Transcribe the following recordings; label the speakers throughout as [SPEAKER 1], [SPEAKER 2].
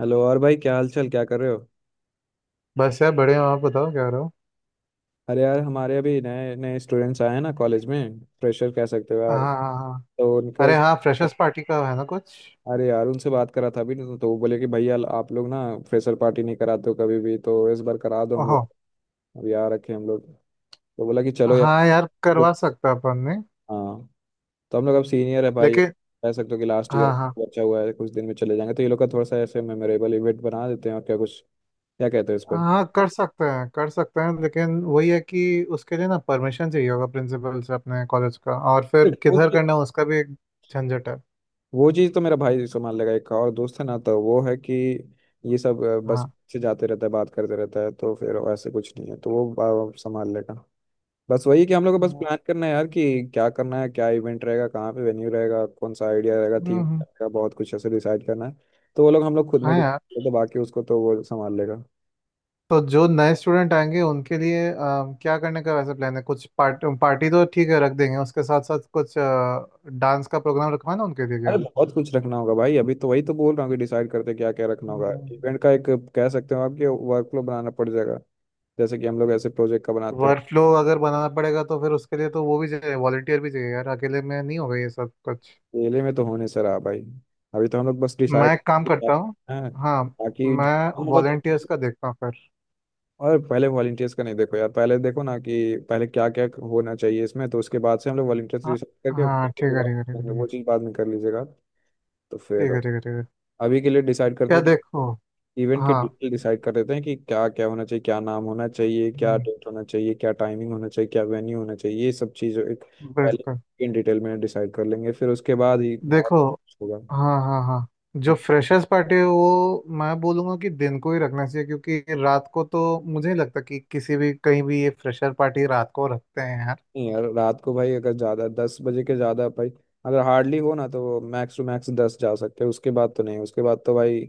[SPEAKER 1] Hello और भाई, क्या हाल चाल, क्या कर रहे हो।
[SPEAKER 2] बस यार बड़े हो आप बताओ क्या रहो।
[SPEAKER 1] अरे यार, हमारे अभी नए नए स्टूडेंट्स आए हैं ना कॉलेज में, फ्रेशर कह सकते हो
[SPEAKER 2] हाँ
[SPEAKER 1] यार।
[SPEAKER 2] हाँ हाँ।
[SPEAKER 1] तो उनके
[SPEAKER 2] अरे हाँ, फ्रेशर्स पार्टी का है ना कुछ।
[SPEAKER 1] अरे यार उनसे बात करा था, अभी तो वो बोले कि भैया आप लोग ना फ्रेशर पार्टी नहीं कराते हो कभी भी, तो इस बार करा दो हम
[SPEAKER 2] ओहो।
[SPEAKER 1] लोग। अब यार रखे हम लोग। तो बोला कि चलो यार।
[SPEAKER 2] हाँ यार,
[SPEAKER 1] तो
[SPEAKER 2] करवा सकते हैं अपन ने।
[SPEAKER 1] हाँ। तो हम लोग अब सीनियर है भाई,
[SPEAKER 2] लेकिन
[SPEAKER 1] कह सकते हो कि लास्ट ईयर
[SPEAKER 2] हाँ हाँ
[SPEAKER 1] बचा हुआ है, कुछ दिन में चले जाएंगे, तो ये लोग का थोड़ा सा ऐसे मेमोरेबल इवेंट बना देते हैं और क्या कुछ। क्या कहते हो इस
[SPEAKER 2] हाँ, कर सकते हैं कर सकते हैं, लेकिन वही है कि उसके लिए ना परमिशन चाहिए होगा प्रिंसिपल से अपने कॉलेज का, और फिर
[SPEAKER 1] पर।
[SPEAKER 2] किधर करना है उसका भी एक झंझट है।
[SPEAKER 1] वो चीज़ तो मेरा भाई संभाल लेगा, एक और दोस्त है ना, तो वो है कि ये सब बस
[SPEAKER 2] हाँ।
[SPEAKER 1] से जाते रहता है, बात करते रहता है, तो फिर ऐसे कुछ नहीं है, तो वो संभाल लेगा। बस वही कि हम लोग को बस
[SPEAKER 2] हम्म।
[SPEAKER 1] प्लान करना है यार कि क्या करना है, क्या इवेंट रहेगा, कहाँ पे वेन्यू रहेगा, कौन सा आइडिया रहेगा, थीम
[SPEAKER 2] हम्म,
[SPEAKER 1] रहेगा, बहुत कुछ ऐसे डिसाइड करना है। तो वो लोग हम लोग खुद में
[SPEAKER 2] हाँ यार।
[SPEAKER 1] डिसाइड, तो बाकी उसको तो वो संभाल लेगा।
[SPEAKER 2] तो जो नए स्टूडेंट आएंगे उनके लिए क्या करने का वैसे प्लान है, कुछ पार्ट पार्टी तो ठीक है रख देंगे, उसके साथ साथ कुछ डांस का प्रोग्राम रखवाना उनके लिए
[SPEAKER 1] अरे
[SPEAKER 2] क्या।
[SPEAKER 1] बहुत कुछ रखना होगा भाई, अभी तो वही तो बोल रहा हूँ कि डिसाइड करते क्या क्या रखना होगा इवेंट का, एक कह सकते हो आपके वर्क फ्लो बनाना पड़ जाएगा, जैसे कि हम लोग ऐसे प्रोजेक्ट का बनाते हैं।
[SPEAKER 2] वर्कफ्लो अगर बनाना पड़ेगा तो फिर उसके लिए तो वो भी चाहिए, वॉलंटियर भी चाहिए यार, अकेले में नहीं होगा ये सब कुछ।
[SPEAKER 1] केले में तो होने से रहा भाई। अभी तो हम लोग बस
[SPEAKER 2] मैं
[SPEAKER 1] डिसाइड
[SPEAKER 2] एक काम
[SPEAKER 1] हैं।
[SPEAKER 2] करता हूँ।
[SPEAKER 1] हाँ,
[SPEAKER 2] हाँ।
[SPEAKER 1] ताकि
[SPEAKER 2] मैं
[SPEAKER 1] हम बत-
[SPEAKER 2] वॉलंटियर्स का देखता हूँ फिर।
[SPEAKER 1] और पहले वॉलंटियर्स का नहीं, देखो यार पहले देखो ना कि पहले क्या क्या होना चाहिए इसमें, तो उसके बाद से हम लोग वॉलंटियर्स
[SPEAKER 2] हाँ।
[SPEAKER 1] डिसाइड करके फिर
[SPEAKER 2] हाँ
[SPEAKER 1] उसके
[SPEAKER 2] ठीक है
[SPEAKER 1] बाद
[SPEAKER 2] ठीक है
[SPEAKER 1] करेंगे।
[SPEAKER 2] ठीक
[SPEAKER 1] वो
[SPEAKER 2] है।
[SPEAKER 1] चीज़ बाद में कर लीजिएगा। तो फिर
[SPEAKER 2] ठीक है ठीक है ठीक है ठीक है।
[SPEAKER 1] अभी के लिए डिसाइड करते
[SPEAKER 2] क्या
[SPEAKER 1] हैं कि
[SPEAKER 2] देखो।
[SPEAKER 1] इवेंट के
[SPEAKER 2] हाँ।
[SPEAKER 1] डिटेल डिसाइड कर देते हैं कि क्या क्या होना चाहिए, क्या नाम होना चाहिए, क्या
[SPEAKER 2] हम्म,
[SPEAKER 1] डेट होना चाहिए, क्या टाइमिंग होना चाहिए, क्या वेन्यू होना चाहिए, ये सब चीज़ एक पहले
[SPEAKER 2] बिल्कुल।
[SPEAKER 1] इन डिटेल में डिसाइड कर लेंगे, फिर उसके बाद ही और
[SPEAKER 2] देखो।
[SPEAKER 1] कुछ होगा।
[SPEAKER 2] हाँ हाँ हाँ। जो फ्रेशर्स पार्टी है वो मैं बोलूँगा कि दिन को ही रखना चाहिए, क्योंकि रात को तो मुझे नहीं लगता कि किसी भी कहीं भी ये फ्रेशर पार्टी रात को रखते हैं है।
[SPEAKER 1] नहीं यार, रात को भाई अगर ज्यादा 10 बजे के ज्यादा भाई, अगर हार्डली हो ना तो मैक्स टू मैक्स दस जा सकते हैं, उसके बाद तो नहीं, उसके बाद तो भाई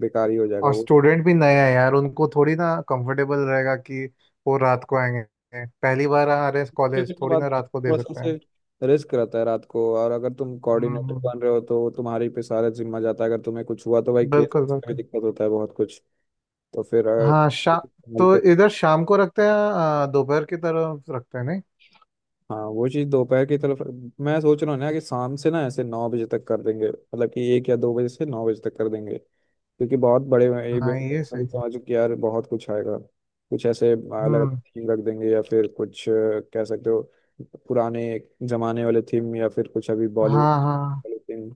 [SPEAKER 1] बेकार ही हो जाएगा
[SPEAKER 2] और
[SPEAKER 1] वो।
[SPEAKER 2] स्टूडेंट भी नए हैं यार, उनको थोड़ी ना कंफर्टेबल रहेगा कि वो रात को आएंगे। पहली बार आ रहे हैं कॉलेज,
[SPEAKER 1] उसके
[SPEAKER 2] थोड़ी
[SPEAKER 1] बाद
[SPEAKER 2] ना रात को दे
[SPEAKER 1] थोड़ा सा
[SPEAKER 2] सकते
[SPEAKER 1] से
[SPEAKER 2] हैं।
[SPEAKER 1] रिस्क रहता है रात को, और अगर तुम कोऑर्डिनेटर
[SPEAKER 2] हम्म,
[SPEAKER 1] बन रहे हो तो वो तुम्हारी पे सारा जिम्मा जाता है, अगर तुम्हें कुछ हुआ तो भाई
[SPEAKER 2] बिल्कुल
[SPEAKER 1] केस में
[SPEAKER 2] बिल्कुल।
[SPEAKER 1] दिक्कत होता है बहुत कुछ। तो फिर
[SPEAKER 2] हाँ शा,
[SPEAKER 1] संभल
[SPEAKER 2] तो
[SPEAKER 1] के।
[SPEAKER 2] इधर शाम को रखते हैं, दोपहर की तरफ रखते हैं नहीं।
[SPEAKER 1] हाँ वो चीज़ दोपहर की तरफ। मैं सोच रहा हूँ ना कि शाम से ना ऐसे 9 बजे तक कर देंगे, मतलब कि 1 या 2 बजे से 9 बजे तक कर देंगे, क्योंकि बहुत बड़े
[SPEAKER 2] हाँ
[SPEAKER 1] इवेंट।
[SPEAKER 2] ये
[SPEAKER 1] अभी
[SPEAKER 2] सही है।
[SPEAKER 1] समझो कि यार बहुत कुछ आएगा, कुछ ऐसे अलग
[SPEAKER 2] हम्म।
[SPEAKER 1] थीम रख देंगे या फिर कुछ कह सकते हो पुराने जमाने वाले थीम, या फिर कुछ अभी बॉलीवुड
[SPEAKER 2] हाँ हाँ।
[SPEAKER 1] वाले थीम,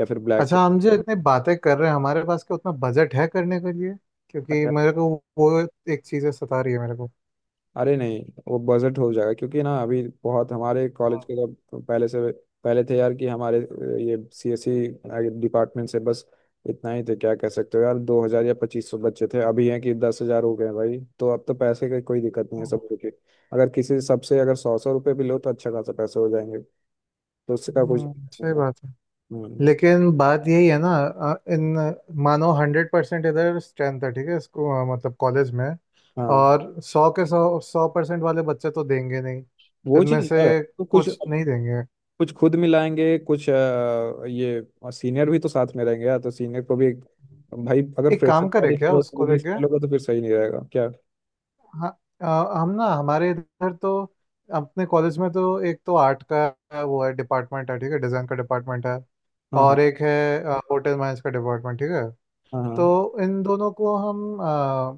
[SPEAKER 1] या फिर ब्लैक।
[SPEAKER 2] अच्छा, हम जो इतनी बातें कर रहे हैं, हमारे पास क्या उतना बजट है करने के लिए? क्योंकि मेरे को वो एक चीज़ है, सता रही है मेरे को।
[SPEAKER 1] अरे नहीं, वो बजट हो जाएगा, क्योंकि ना अभी बहुत हमारे कॉलेज के जब पहले से पहले थे यार, कि हमारे ये सीएससी डिपार्टमेंट से बस इतना ही थे, क्या कह सकते हो यार, 2,000 या 2,500 बच्चे थे, अभी हैं कि 10,000 हो गए हैं भाई, तो अब तो पैसे का कोई दिक्कत नहीं है सबको के। अगर किसी सबसे अगर सौ सौ रुपये भी लो तो अच्छा खासा पैसे हो जाएंगे, तो उसका कुछ।
[SPEAKER 2] हम्म, सही बात है।
[SPEAKER 1] हम्म,
[SPEAKER 2] लेकिन बात यही है ना इन, मानो हंड्रेड परसेंट इधर स्ट्रेंथ है ठीक है इसको, मतलब कॉलेज में।
[SPEAKER 1] हाँ
[SPEAKER 2] और सौ के सौ, सौ परसेंट वाले बच्चे तो देंगे नहीं,
[SPEAKER 1] वो
[SPEAKER 2] इनमें
[SPEAKER 1] चीज़
[SPEAKER 2] से
[SPEAKER 1] है तो कुछ
[SPEAKER 2] कुछ नहीं देंगे।
[SPEAKER 1] कुछ खुद मिलाएंगे, कुछ ये सीनियर भी तो साथ में रहेंगे यार, तो सीनियर को भी भाई अगर
[SPEAKER 2] एक
[SPEAKER 1] फ्रेशर
[SPEAKER 2] काम करे
[SPEAKER 1] पार्टी
[SPEAKER 2] क्या
[SPEAKER 1] करो तो
[SPEAKER 2] उसको
[SPEAKER 1] उन्हीं से
[SPEAKER 2] लेके।
[SPEAKER 1] मिलोगे तो फिर सही नहीं रहेगा क्या।
[SPEAKER 2] हाँ। अ, हम ना हमारे इधर तो, अपने कॉलेज में तो, एक तो आर्ट का वो है डिपार्टमेंट है ठीक है, डिज़ाइन का डिपार्टमेंट है।
[SPEAKER 1] हाँ, हाँ,
[SPEAKER 2] और एक है होटल मैनेज का डिपार्टमेंट ठीक है।
[SPEAKER 1] हाँ, हाँ,
[SPEAKER 2] तो इन दोनों को हम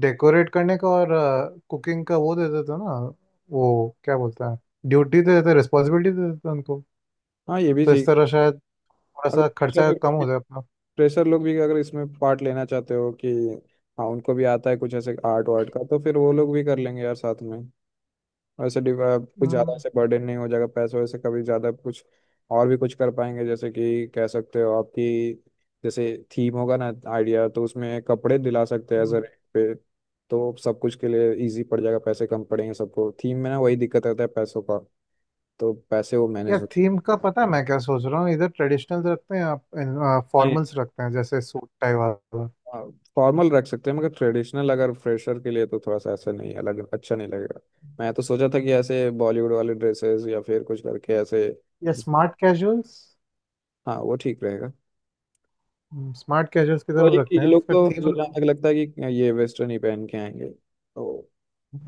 [SPEAKER 2] डेकोरेट करने का और कुकिंग का वो दे देते हैं ना, वो क्या बोलते हैं, ड्यूटी दे देते हैं, रिस्पॉन्सिबिलिटी दे देते हैं उनको।
[SPEAKER 1] हाँ, ये भी
[SPEAKER 2] तो इस
[SPEAKER 1] ठीक।
[SPEAKER 2] तरह शायद थोड़ा
[SPEAKER 1] अगर
[SPEAKER 2] सा खर्चा
[SPEAKER 1] फ्रेशर
[SPEAKER 2] कम हो जाए अपना।
[SPEAKER 1] फ्रेशर लोग भी अगर इसमें पार्ट लेना चाहते हो कि हाँ, उनको भी आता है कुछ ऐसे आर्ट वार्ट का, तो फिर वो लोग भी कर लेंगे यार साथ में। वैसे कुछ ज़्यादा
[SPEAKER 2] हम्म,
[SPEAKER 1] ऐसे बर्डन नहीं हो जाएगा पैसों से कभी ज़्यादा कुछ, और भी कुछ कर पाएंगे, जैसे कि कह सकते हो आपकी जैसे थीम होगा ना आइडिया, तो उसमें कपड़े दिला सकते हैं एज
[SPEAKER 2] हम्म।
[SPEAKER 1] रेंट पे। तो सब कुछ के लिए इजी पड़ जाएगा, पैसे कम पड़ेंगे सबको, थीम में ना वही दिक्कत रहता है पैसों का, तो पैसे वो
[SPEAKER 2] यार
[SPEAKER 1] मैनेज हो।
[SPEAKER 2] थीम का पता है मैं क्या सोच रहा हूँ, इधर ट्रेडिशनल रखते हैं, आप
[SPEAKER 1] नहीं,
[SPEAKER 2] फॉर्मल्स रखते हैं जैसे सूट टाई वाला,
[SPEAKER 1] फॉर्मल रख सकते हैं, मगर ट्रेडिशनल अगर फ्रेशर के लिए तो थोड़ा सा ऐसा नहीं, अलग, अच्छा नहीं लगेगा। मैं तो सोचा था कि ऐसे बॉलीवुड वाले ड्रेसेस या फिर कुछ करके ऐसे।
[SPEAKER 2] या स्मार्ट कैजुअल्स।
[SPEAKER 1] हाँ वो ठीक रहेगा।
[SPEAKER 2] स्मार्ट कैजुअल्स की तरफ
[SPEAKER 1] वही कि
[SPEAKER 2] रखते
[SPEAKER 1] ये
[SPEAKER 2] हैं
[SPEAKER 1] लोग
[SPEAKER 2] फिर
[SPEAKER 1] तो
[SPEAKER 2] थीम।
[SPEAKER 1] जुलान लगता है कि ये वेस्टर्न ही पहन के आएंगे तो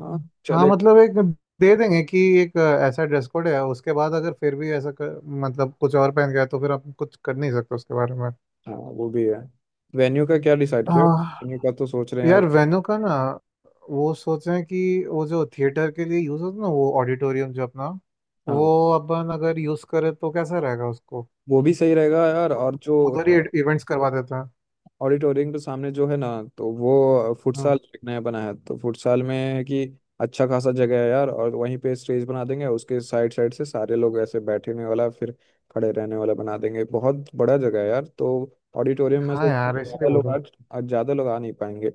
[SPEAKER 1] हाँ
[SPEAKER 2] हाँ
[SPEAKER 1] चले।
[SPEAKER 2] मतलब एक दे देंगे कि एक ऐसा ड्रेस कोड है, उसके बाद अगर फिर भी ऐसा कर, मतलब कुछ और पहन गया तो फिर आप कुछ कर नहीं सकते उसके बारे में।
[SPEAKER 1] हाँ वो भी है। वेन्यू का क्या डिसाइड किया,
[SPEAKER 2] आह,
[SPEAKER 1] वेन्यू का तो सोच रहे हैं यार।
[SPEAKER 2] यार वेन्यू का ना, वो सोच रहे हैं कि वो जो थिएटर के लिए यूज़ होता है ना, वो ऑडिटोरियम जो अपना, वो
[SPEAKER 1] हाँ
[SPEAKER 2] अपन अगर यूज़ करें तो कैसा रहेगा उसको,
[SPEAKER 1] वो भी सही रहेगा यार, और जो
[SPEAKER 2] उधर ही इवेंट्स करवा देता है।
[SPEAKER 1] ऑडिटोरियम के सामने जो है ना, तो वो
[SPEAKER 2] हम्म।
[SPEAKER 1] फुटसाल एक नया बना है, तो फुटसाल में है कि अच्छा खासा जगह है यार, और वहीं पे स्टेज बना देंगे, उसके साइड साइड से सारे लोग ऐसे बैठने वाला, फिर खड़े रहने वाला बना देंगे, बहुत बड़ा जगह है यार, तो ऑडिटोरियम में
[SPEAKER 2] हाँ
[SPEAKER 1] से
[SPEAKER 2] यार इसलिए बोलो।
[SPEAKER 1] ज्यादा लोग आ नहीं पाएंगे।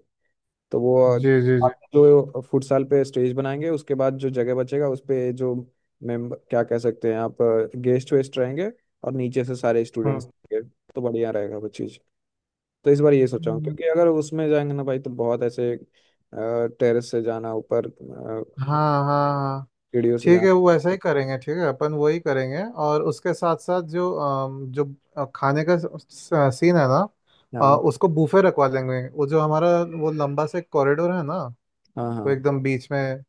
[SPEAKER 1] तो वो
[SPEAKER 2] जी जी जी।
[SPEAKER 1] आप जो फुटसाल पे स्टेज बनाएंगे, उसके बाद जो जगह बचेगा उस पे जो मेंबर क्या कह सकते हैं आप, गेस्ट वेस्ट रहेंगे, और नीचे से सारे
[SPEAKER 2] हम्म।
[SPEAKER 1] स्टूडेंट्स, तो बढ़िया रहेगा वो चीज़। तो इस बार ये सोचा हूँ
[SPEAKER 2] हम्म,
[SPEAKER 1] क्योंकि अगर उसमें जाएंगे ना भाई तो बहुत ऐसे टेरेस से जाना ऊपर,
[SPEAKER 2] हाँ हाँ
[SPEAKER 1] सीढ़ियों से
[SPEAKER 2] ठीक
[SPEAKER 1] जाना।
[SPEAKER 2] है, वो ऐसा ही करेंगे ठीक है, अपन वही करेंगे, और उसके साथ साथ जो जो खाने का सीन है ना,
[SPEAKER 1] हाँ,
[SPEAKER 2] उसको बूफे रखवा लेंगे, वो जो हमारा वो लंबा से कॉरिडोर है ना,
[SPEAKER 1] हाँ,
[SPEAKER 2] वो
[SPEAKER 1] हाँ,
[SPEAKER 2] एकदम बीच में,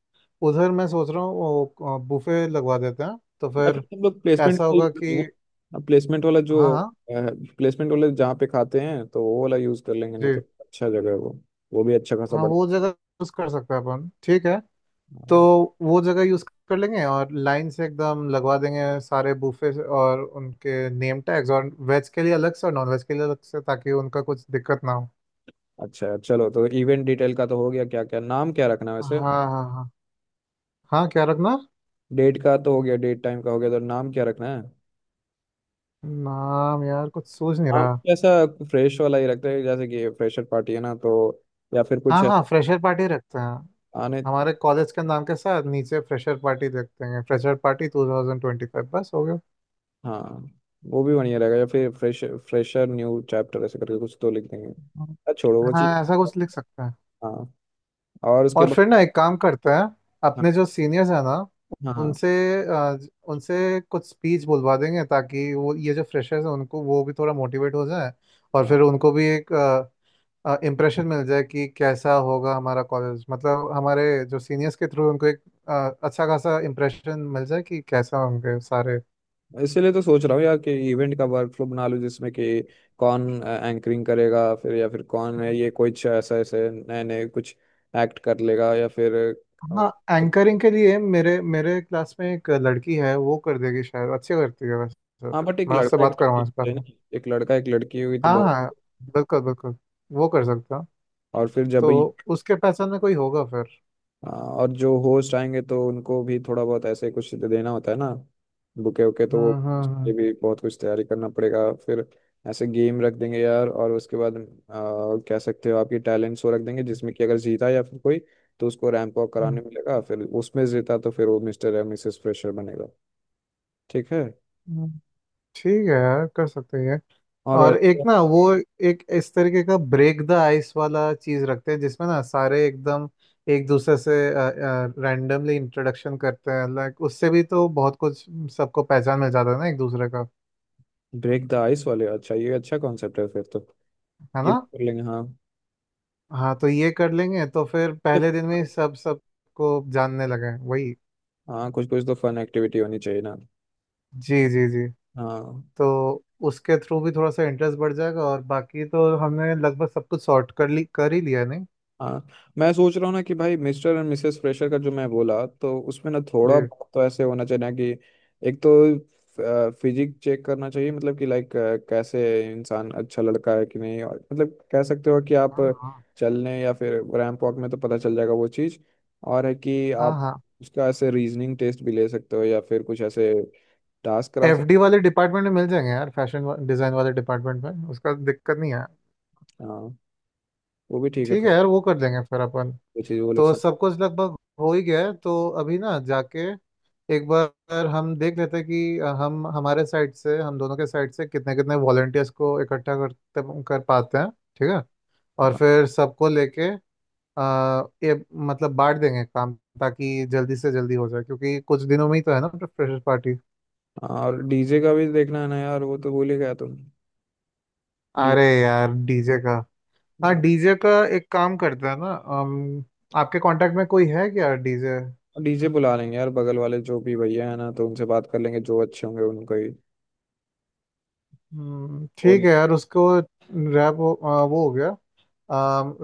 [SPEAKER 2] उधर मैं सोच रहा हूँ वो बूफे लगवा देते हैं तो
[SPEAKER 1] या फिर
[SPEAKER 2] फिर
[SPEAKER 1] हम लोग प्लेसमेंट
[SPEAKER 2] ऐसा
[SPEAKER 1] का यूज
[SPEAKER 2] होगा
[SPEAKER 1] करेंगे।
[SPEAKER 2] कि।
[SPEAKER 1] अब प्लेसमेंट वाला जो
[SPEAKER 2] हाँ हाँ।
[SPEAKER 1] प्लेसमेंट वाले जहाँ पे खाते हैं तो वो वाला यूज़ कर लेंगे, नहीं
[SPEAKER 2] जी।
[SPEAKER 1] तो अच्छा जगह है वो भी अच्छा खासा
[SPEAKER 2] हाँ वो
[SPEAKER 1] बड़ा।
[SPEAKER 2] जगह यूज कर सकते हैं अपन ठीक है। तो
[SPEAKER 1] हाँ।
[SPEAKER 2] वो जगह यूज कर लेंगे, और लाइन से एकदम लगवा देंगे सारे बूफे, और उनके नेम टैग्स, और वेज के लिए अलग से और नॉन वेज के लिए अलग से ताकि उनका कुछ दिक्कत ना हो।
[SPEAKER 1] अच्छा चलो, तो इवेंट डिटेल का तो हो गया, क्या क्या नाम क्या रखना है वैसे,
[SPEAKER 2] हाँ हाँ हाँ। हाँ क्या रखना।
[SPEAKER 1] डेट का तो हो गया, डेट टाइम का हो गया, तो नाम क्या रखना है।
[SPEAKER 2] नाम यार कुछ सूझ नहीं
[SPEAKER 1] नाम
[SPEAKER 2] रहा।
[SPEAKER 1] कैसा, फ्रेश वाला ही रखते हैं जैसे कि फ्रेशर पार्टी है ना, तो या फिर कुछ
[SPEAKER 2] हाँ हाँ फ्रेशर पार्टी रखते हैं,
[SPEAKER 1] आने।
[SPEAKER 2] हमारे कॉलेज के नाम के साथ नीचे फ्रेशर पार्टी रखते हैं, फ्रेशर पार्टी 2025, बस हो गया।
[SPEAKER 1] हाँ वो भी बढ़िया रहेगा, या फिर फ्रेश, फ्रेशर न्यू चैप्टर ऐसे करके कुछ तो लिख देंगे। छोड़ो वो चीज़।
[SPEAKER 2] हाँ ऐसा कुछ लिख सकते हैं।
[SPEAKER 1] हाँ और उसके
[SPEAKER 2] और
[SPEAKER 1] बाद।
[SPEAKER 2] फिर ना एक काम करते हैं,
[SPEAKER 1] हाँ,
[SPEAKER 2] अपने जो सीनियर्स हैं ना,
[SPEAKER 1] हाँ, हाँ,
[SPEAKER 2] उनसे अ, उनसे कुछ स्पीच बुलवा देंगे, ताकि वो ये जो फ्रेशर्स हैं उनको वो भी थोड़ा मोटिवेट हो जाए। और
[SPEAKER 1] हाँ।
[SPEAKER 2] फिर उनको भी एक इम्प्रेशन मिल जाए कि कैसा होगा हमारा कॉलेज, मतलब हमारे जो सीनियर्स के थ्रू उनको एक अच्छा खासा इम्प्रेशन मिल जाए कि कैसा होंगे सारे।
[SPEAKER 1] इसीलिए तो सोच रहा हूँ यार कि इवेंट का वर्कफ्लो बना लूँ जिसमें कि कौन एंकरिंग करेगा फिर, या फिर कौन है, ये कुछ ऐसा ऐसे नए नए कुछ एक्ट कर लेगा या फिर अ,
[SPEAKER 2] हाँ।
[SPEAKER 1] एक-
[SPEAKER 2] एंकरिंग के लिए मेरे मेरे क्लास में एक लड़की है वो कर देगी शायद, अच्छी करती है वैसे तो।
[SPEAKER 1] हाँ बट एक
[SPEAKER 2] मैं उससे
[SPEAKER 1] लड़का एक
[SPEAKER 2] बात
[SPEAKER 1] लड़की
[SPEAKER 2] करूँगा इस बारे
[SPEAKER 1] चाहिए ना,
[SPEAKER 2] में।
[SPEAKER 1] एक लड़का एक लड़की हुई तो बहुत।
[SPEAKER 2] हाँ बिल्कुल बिल्कुल, वो कर सकते हो।
[SPEAKER 1] और फिर जब
[SPEAKER 2] तो उसके पहचान में कोई होगा फिर।
[SPEAKER 1] हाँ, और जो होस्ट आएंगे तो उनको भी थोड़ा बहुत ऐसे कुछ देना होता है ना, बुके वुके तो वो ये
[SPEAKER 2] हम्म।
[SPEAKER 1] भी बहुत कुछ तैयारी करना पड़ेगा फिर, ऐसे गेम रख देंगे यार, और उसके बाद कह सकते हो आपकी टैलेंट शो रख देंगे जिसमें कि अगर जीता या फिर कोई, तो उसको रैंप वॉक
[SPEAKER 2] हम्म,
[SPEAKER 1] कराने मिलेगा, फिर उसमें जीता तो फिर वो मिस्टर या मिसेस फ्रेशर बनेगा। ठीक है।
[SPEAKER 2] हम्म, ठीक है यार कर सकते हैं।
[SPEAKER 1] और
[SPEAKER 2] और एक
[SPEAKER 1] वैसे
[SPEAKER 2] ना वो, एक इस तरीके का ब्रेक द आइस वाला चीज रखते हैं, जिसमें ना सारे एकदम एक दूसरे से रैंडमली इंट्रोडक्शन करते हैं, लाइक उससे भी तो बहुत कुछ सबको पहचान मिल जाता है ना एक दूसरे का।
[SPEAKER 1] ब्रेक द आइस वाले, अच्छा ये अच्छा कॉन्सेप्ट है, फिर तो
[SPEAKER 2] है
[SPEAKER 1] ये
[SPEAKER 2] ना।
[SPEAKER 1] भी कर लेंगे हाँ।
[SPEAKER 2] हाँ तो ये कर लेंगे, तो फिर
[SPEAKER 1] तो
[SPEAKER 2] पहले दिन में ही सब सबको जानने लगे वही।
[SPEAKER 1] हाँ कुछ कुछ तो फन एक्टिविटी होनी चाहिए ना।
[SPEAKER 2] जी जी जी।
[SPEAKER 1] हाँ
[SPEAKER 2] तो उसके थ्रू भी थोड़ा सा इंटरेस्ट बढ़ जाएगा, और बाकी तो हमने लगभग सब कुछ सॉर्ट कर ली कर ही लिया है, नहीं।
[SPEAKER 1] हाँ, मैं सोच रहा हूँ ना कि भाई मिस्टर एंड मिसेस फ्रेशर का जो मैं बोला, तो उसमें ना
[SPEAKER 2] जी
[SPEAKER 1] थोड़ा बहुत तो ऐसे होना चाहिए ना कि एक तो फिजिक चेक करना चाहिए, मतलब कि लाइक कैसे इंसान, अच्छा लड़का है कि नहीं, और मतलब कह सकते हो कि आप
[SPEAKER 2] हाँ हाँ
[SPEAKER 1] चलने या फिर रैंप वॉक में तो पता चल जाएगा वो चीज़। और है कि
[SPEAKER 2] हाँ
[SPEAKER 1] आप
[SPEAKER 2] हाँ।
[SPEAKER 1] उसका ऐसे रीजनिंग टेस्ट भी ले सकते हो, या फिर कुछ ऐसे टास्क करा
[SPEAKER 2] एफडी
[SPEAKER 1] सकते।
[SPEAKER 2] वाले डिपार्टमेंट में मिल जाएंगे यार, फैशन डिजाइन वाले डिपार्टमेंट में, उसका दिक्कत नहीं है।
[SPEAKER 1] हाँ वो भी ठीक है
[SPEAKER 2] ठीक है
[SPEAKER 1] फिर।
[SPEAKER 2] यार वो कर देंगे फिर अपन।
[SPEAKER 1] वो चीज़ वो लोग
[SPEAKER 2] तो सब कुछ लगभग हो ही गया है, तो अभी ना जाके एक बार हम देख लेते हैं कि हम हमारे साइड से, हम दोनों के साइड से कितने कितने वॉलंटियर्स को इकट्ठा करते कर पाते हैं ठीक है। और
[SPEAKER 1] हाँ,
[SPEAKER 2] फिर सबको लेके ये, मतलब बांट देंगे काम, ताकि जल्दी से जल्दी हो जाए, क्योंकि कुछ दिनों में ही तो है ना फ्रेशर पार्टी।
[SPEAKER 1] और डीजे का भी देखना है ना यार, वो तो भूल ही गया तुम। डी
[SPEAKER 2] अरे यार डीजे का। हाँ
[SPEAKER 1] हाँ।
[SPEAKER 2] डीजे का एक काम करते हैं ना आपके कांटेक्ट में कोई है क्या डीजे।
[SPEAKER 1] डीजे बुला लेंगे यार बगल वाले जो भी भैया है ना, तो उनसे बात कर लेंगे जो अच्छे होंगे उनको ही
[SPEAKER 2] ठीक
[SPEAKER 1] बोल
[SPEAKER 2] है यार, उसको रैप वो, वो हो गया,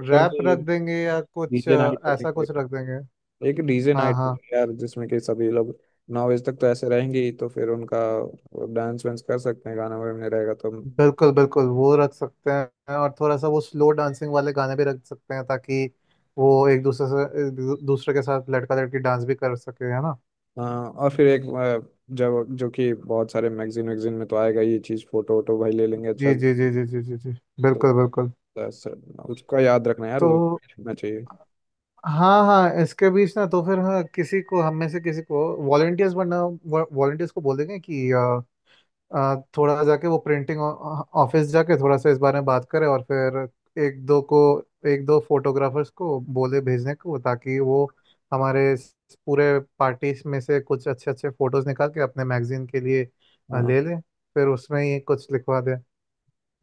[SPEAKER 2] रैप
[SPEAKER 1] देंगे।
[SPEAKER 2] रख देंगे या कुछ
[SPEAKER 1] डीजे नाइट
[SPEAKER 2] ऐसा
[SPEAKER 1] रखेंगे,
[SPEAKER 2] कुछ रख देंगे।
[SPEAKER 1] एक डीजे
[SPEAKER 2] हाँ
[SPEAKER 1] नाइट
[SPEAKER 2] हाँ
[SPEAKER 1] यार जिसमें कि सभी लोग 9 बजे तक तो ऐसे रहेंगे ही, तो फिर उनका डांस वांस कर सकते हैं, गाना वाना रहेगा तो
[SPEAKER 2] बिल्कुल बिल्कुल, वो रख सकते हैं, और थोड़ा सा वो स्लो डांसिंग वाले गाने भी रख सकते हैं, ताकि वो एक दूसरे से दूसरे के साथ लड़का लड़की डांस भी कर सके, है ना।
[SPEAKER 1] हाँ। और फिर एक जब जो कि बहुत सारे मैगजीन वैगजीन में तो आएगा ये चीज़, फोटो वोटो भाई ले लेंगे अच्छा।
[SPEAKER 2] जी जी जी जी जी जी जी।
[SPEAKER 1] तो
[SPEAKER 2] बिल्कुल बिल्कुल।
[SPEAKER 1] बस, उसका याद रखना यार
[SPEAKER 2] तो
[SPEAKER 1] वो रखना चाहिए।
[SPEAKER 2] हाँ हाँ, इसके बीच ना तो फिर हाँ, किसी को हम में से किसी को वॉलंटियर्स बनना, वॉलंटियर्स को बोलेंगे कि थोड़ा जाके वो प्रिंटिंग ऑफिस जाके थोड़ा सा इस बारे में बात करें, और फिर एक दो को, एक दो फोटोग्राफर्स को बोले भेजने को, ताकि वो हमारे इस पूरे पार्टीज में से कुछ अच्छे अच्छे फोटोज निकाल के अपने मैगजीन के लिए
[SPEAKER 1] हाँ
[SPEAKER 2] ले लें, फिर उसमें ही कुछ लिखवा दें,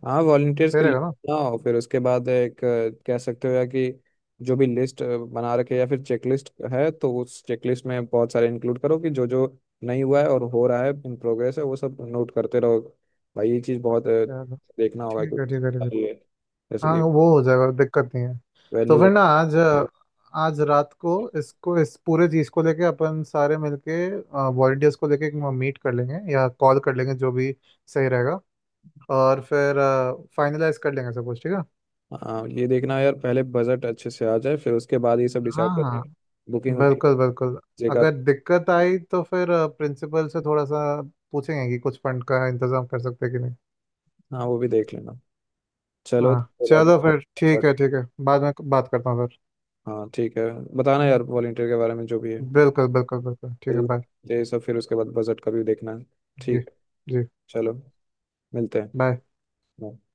[SPEAKER 1] हाँ। वॉलंटियर्स
[SPEAKER 2] सही
[SPEAKER 1] की लिस्ट
[SPEAKER 2] रहेगा ना।
[SPEAKER 1] बनाओ, फिर उसके बाद एक कह सकते हो या कि जो भी लिस्ट बना रखे या फिर चेकलिस्ट है, तो उस चेकलिस्ट में बहुत सारे इंक्लूड करो कि जो जो नहीं हुआ है और हो रहा है इन प्रोग्रेस है, वो सब नोट करते रहो भाई। ये चीज़ बहुत
[SPEAKER 2] चलो
[SPEAKER 1] देखना होगा कि
[SPEAKER 2] ठीक है ठीक है ठीक है।
[SPEAKER 1] ये, जैसे कि
[SPEAKER 2] हाँ वो हो जाएगा दिक्कत नहीं है। तो
[SPEAKER 1] वेन्यू।
[SPEAKER 2] फिर ना आज, आज रात को इसको, इस पूरे चीज को लेके अपन सारे मिलके वॉलंटियर्स को लेके मीट कर लेंगे या कॉल कर लेंगे जो भी सही रहेगा, और फिर फाइनलाइज कर लेंगे सब कुछ ठीक है।
[SPEAKER 1] हाँ ये देखना है यार, पहले बजट अच्छे से आ जाए, फिर उसके बाद ये सब
[SPEAKER 2] हाँ
[SPEAKER 1] डिसाइड करें,
[SPEAKER 2] हाँ
[SPEAKER 1] बुकिंग,
[SPEAKER 2] बिल्कुल बिल्कुल।
[SPEAKER 1] जगह।
[SPEAKER 2] अगर दिक्कत आई तो फिर प्रिंसिपल से थोड़ा सा पूछेंगे कि कुछ फंड का इंतजाम कर सकते हैं कि नहीं।
[SPEAKER 1] हाँ वो भी देख लेना। चलो तो
[SPEAKER 2] हाँ
[SPEAKER 1] फिर अब।
[SPEAKER 2] चलो फिर ठीक है ठीक है, बाद में बात करता हूँ फिर।
[SPEAKER 1] हाँ ठीक है। बताना यार वॉलंटियर के बारे में जो भी है
[SPEAKER 2] बिल्कुल बिल्कुल बिल्कुल ठीक है, बाय।
[SPEAKER 1] ये सब, फिर उसके बाद बजट का भी देखना है।
[SPEAKER 2] जी
[SPEAKER 1] ठीक।
[SPEAKER 2] जी।
[SPEAKER 1] चलो, मिलते
[SPEAKER 2] बाय।
[SPEAKER 1] हैं।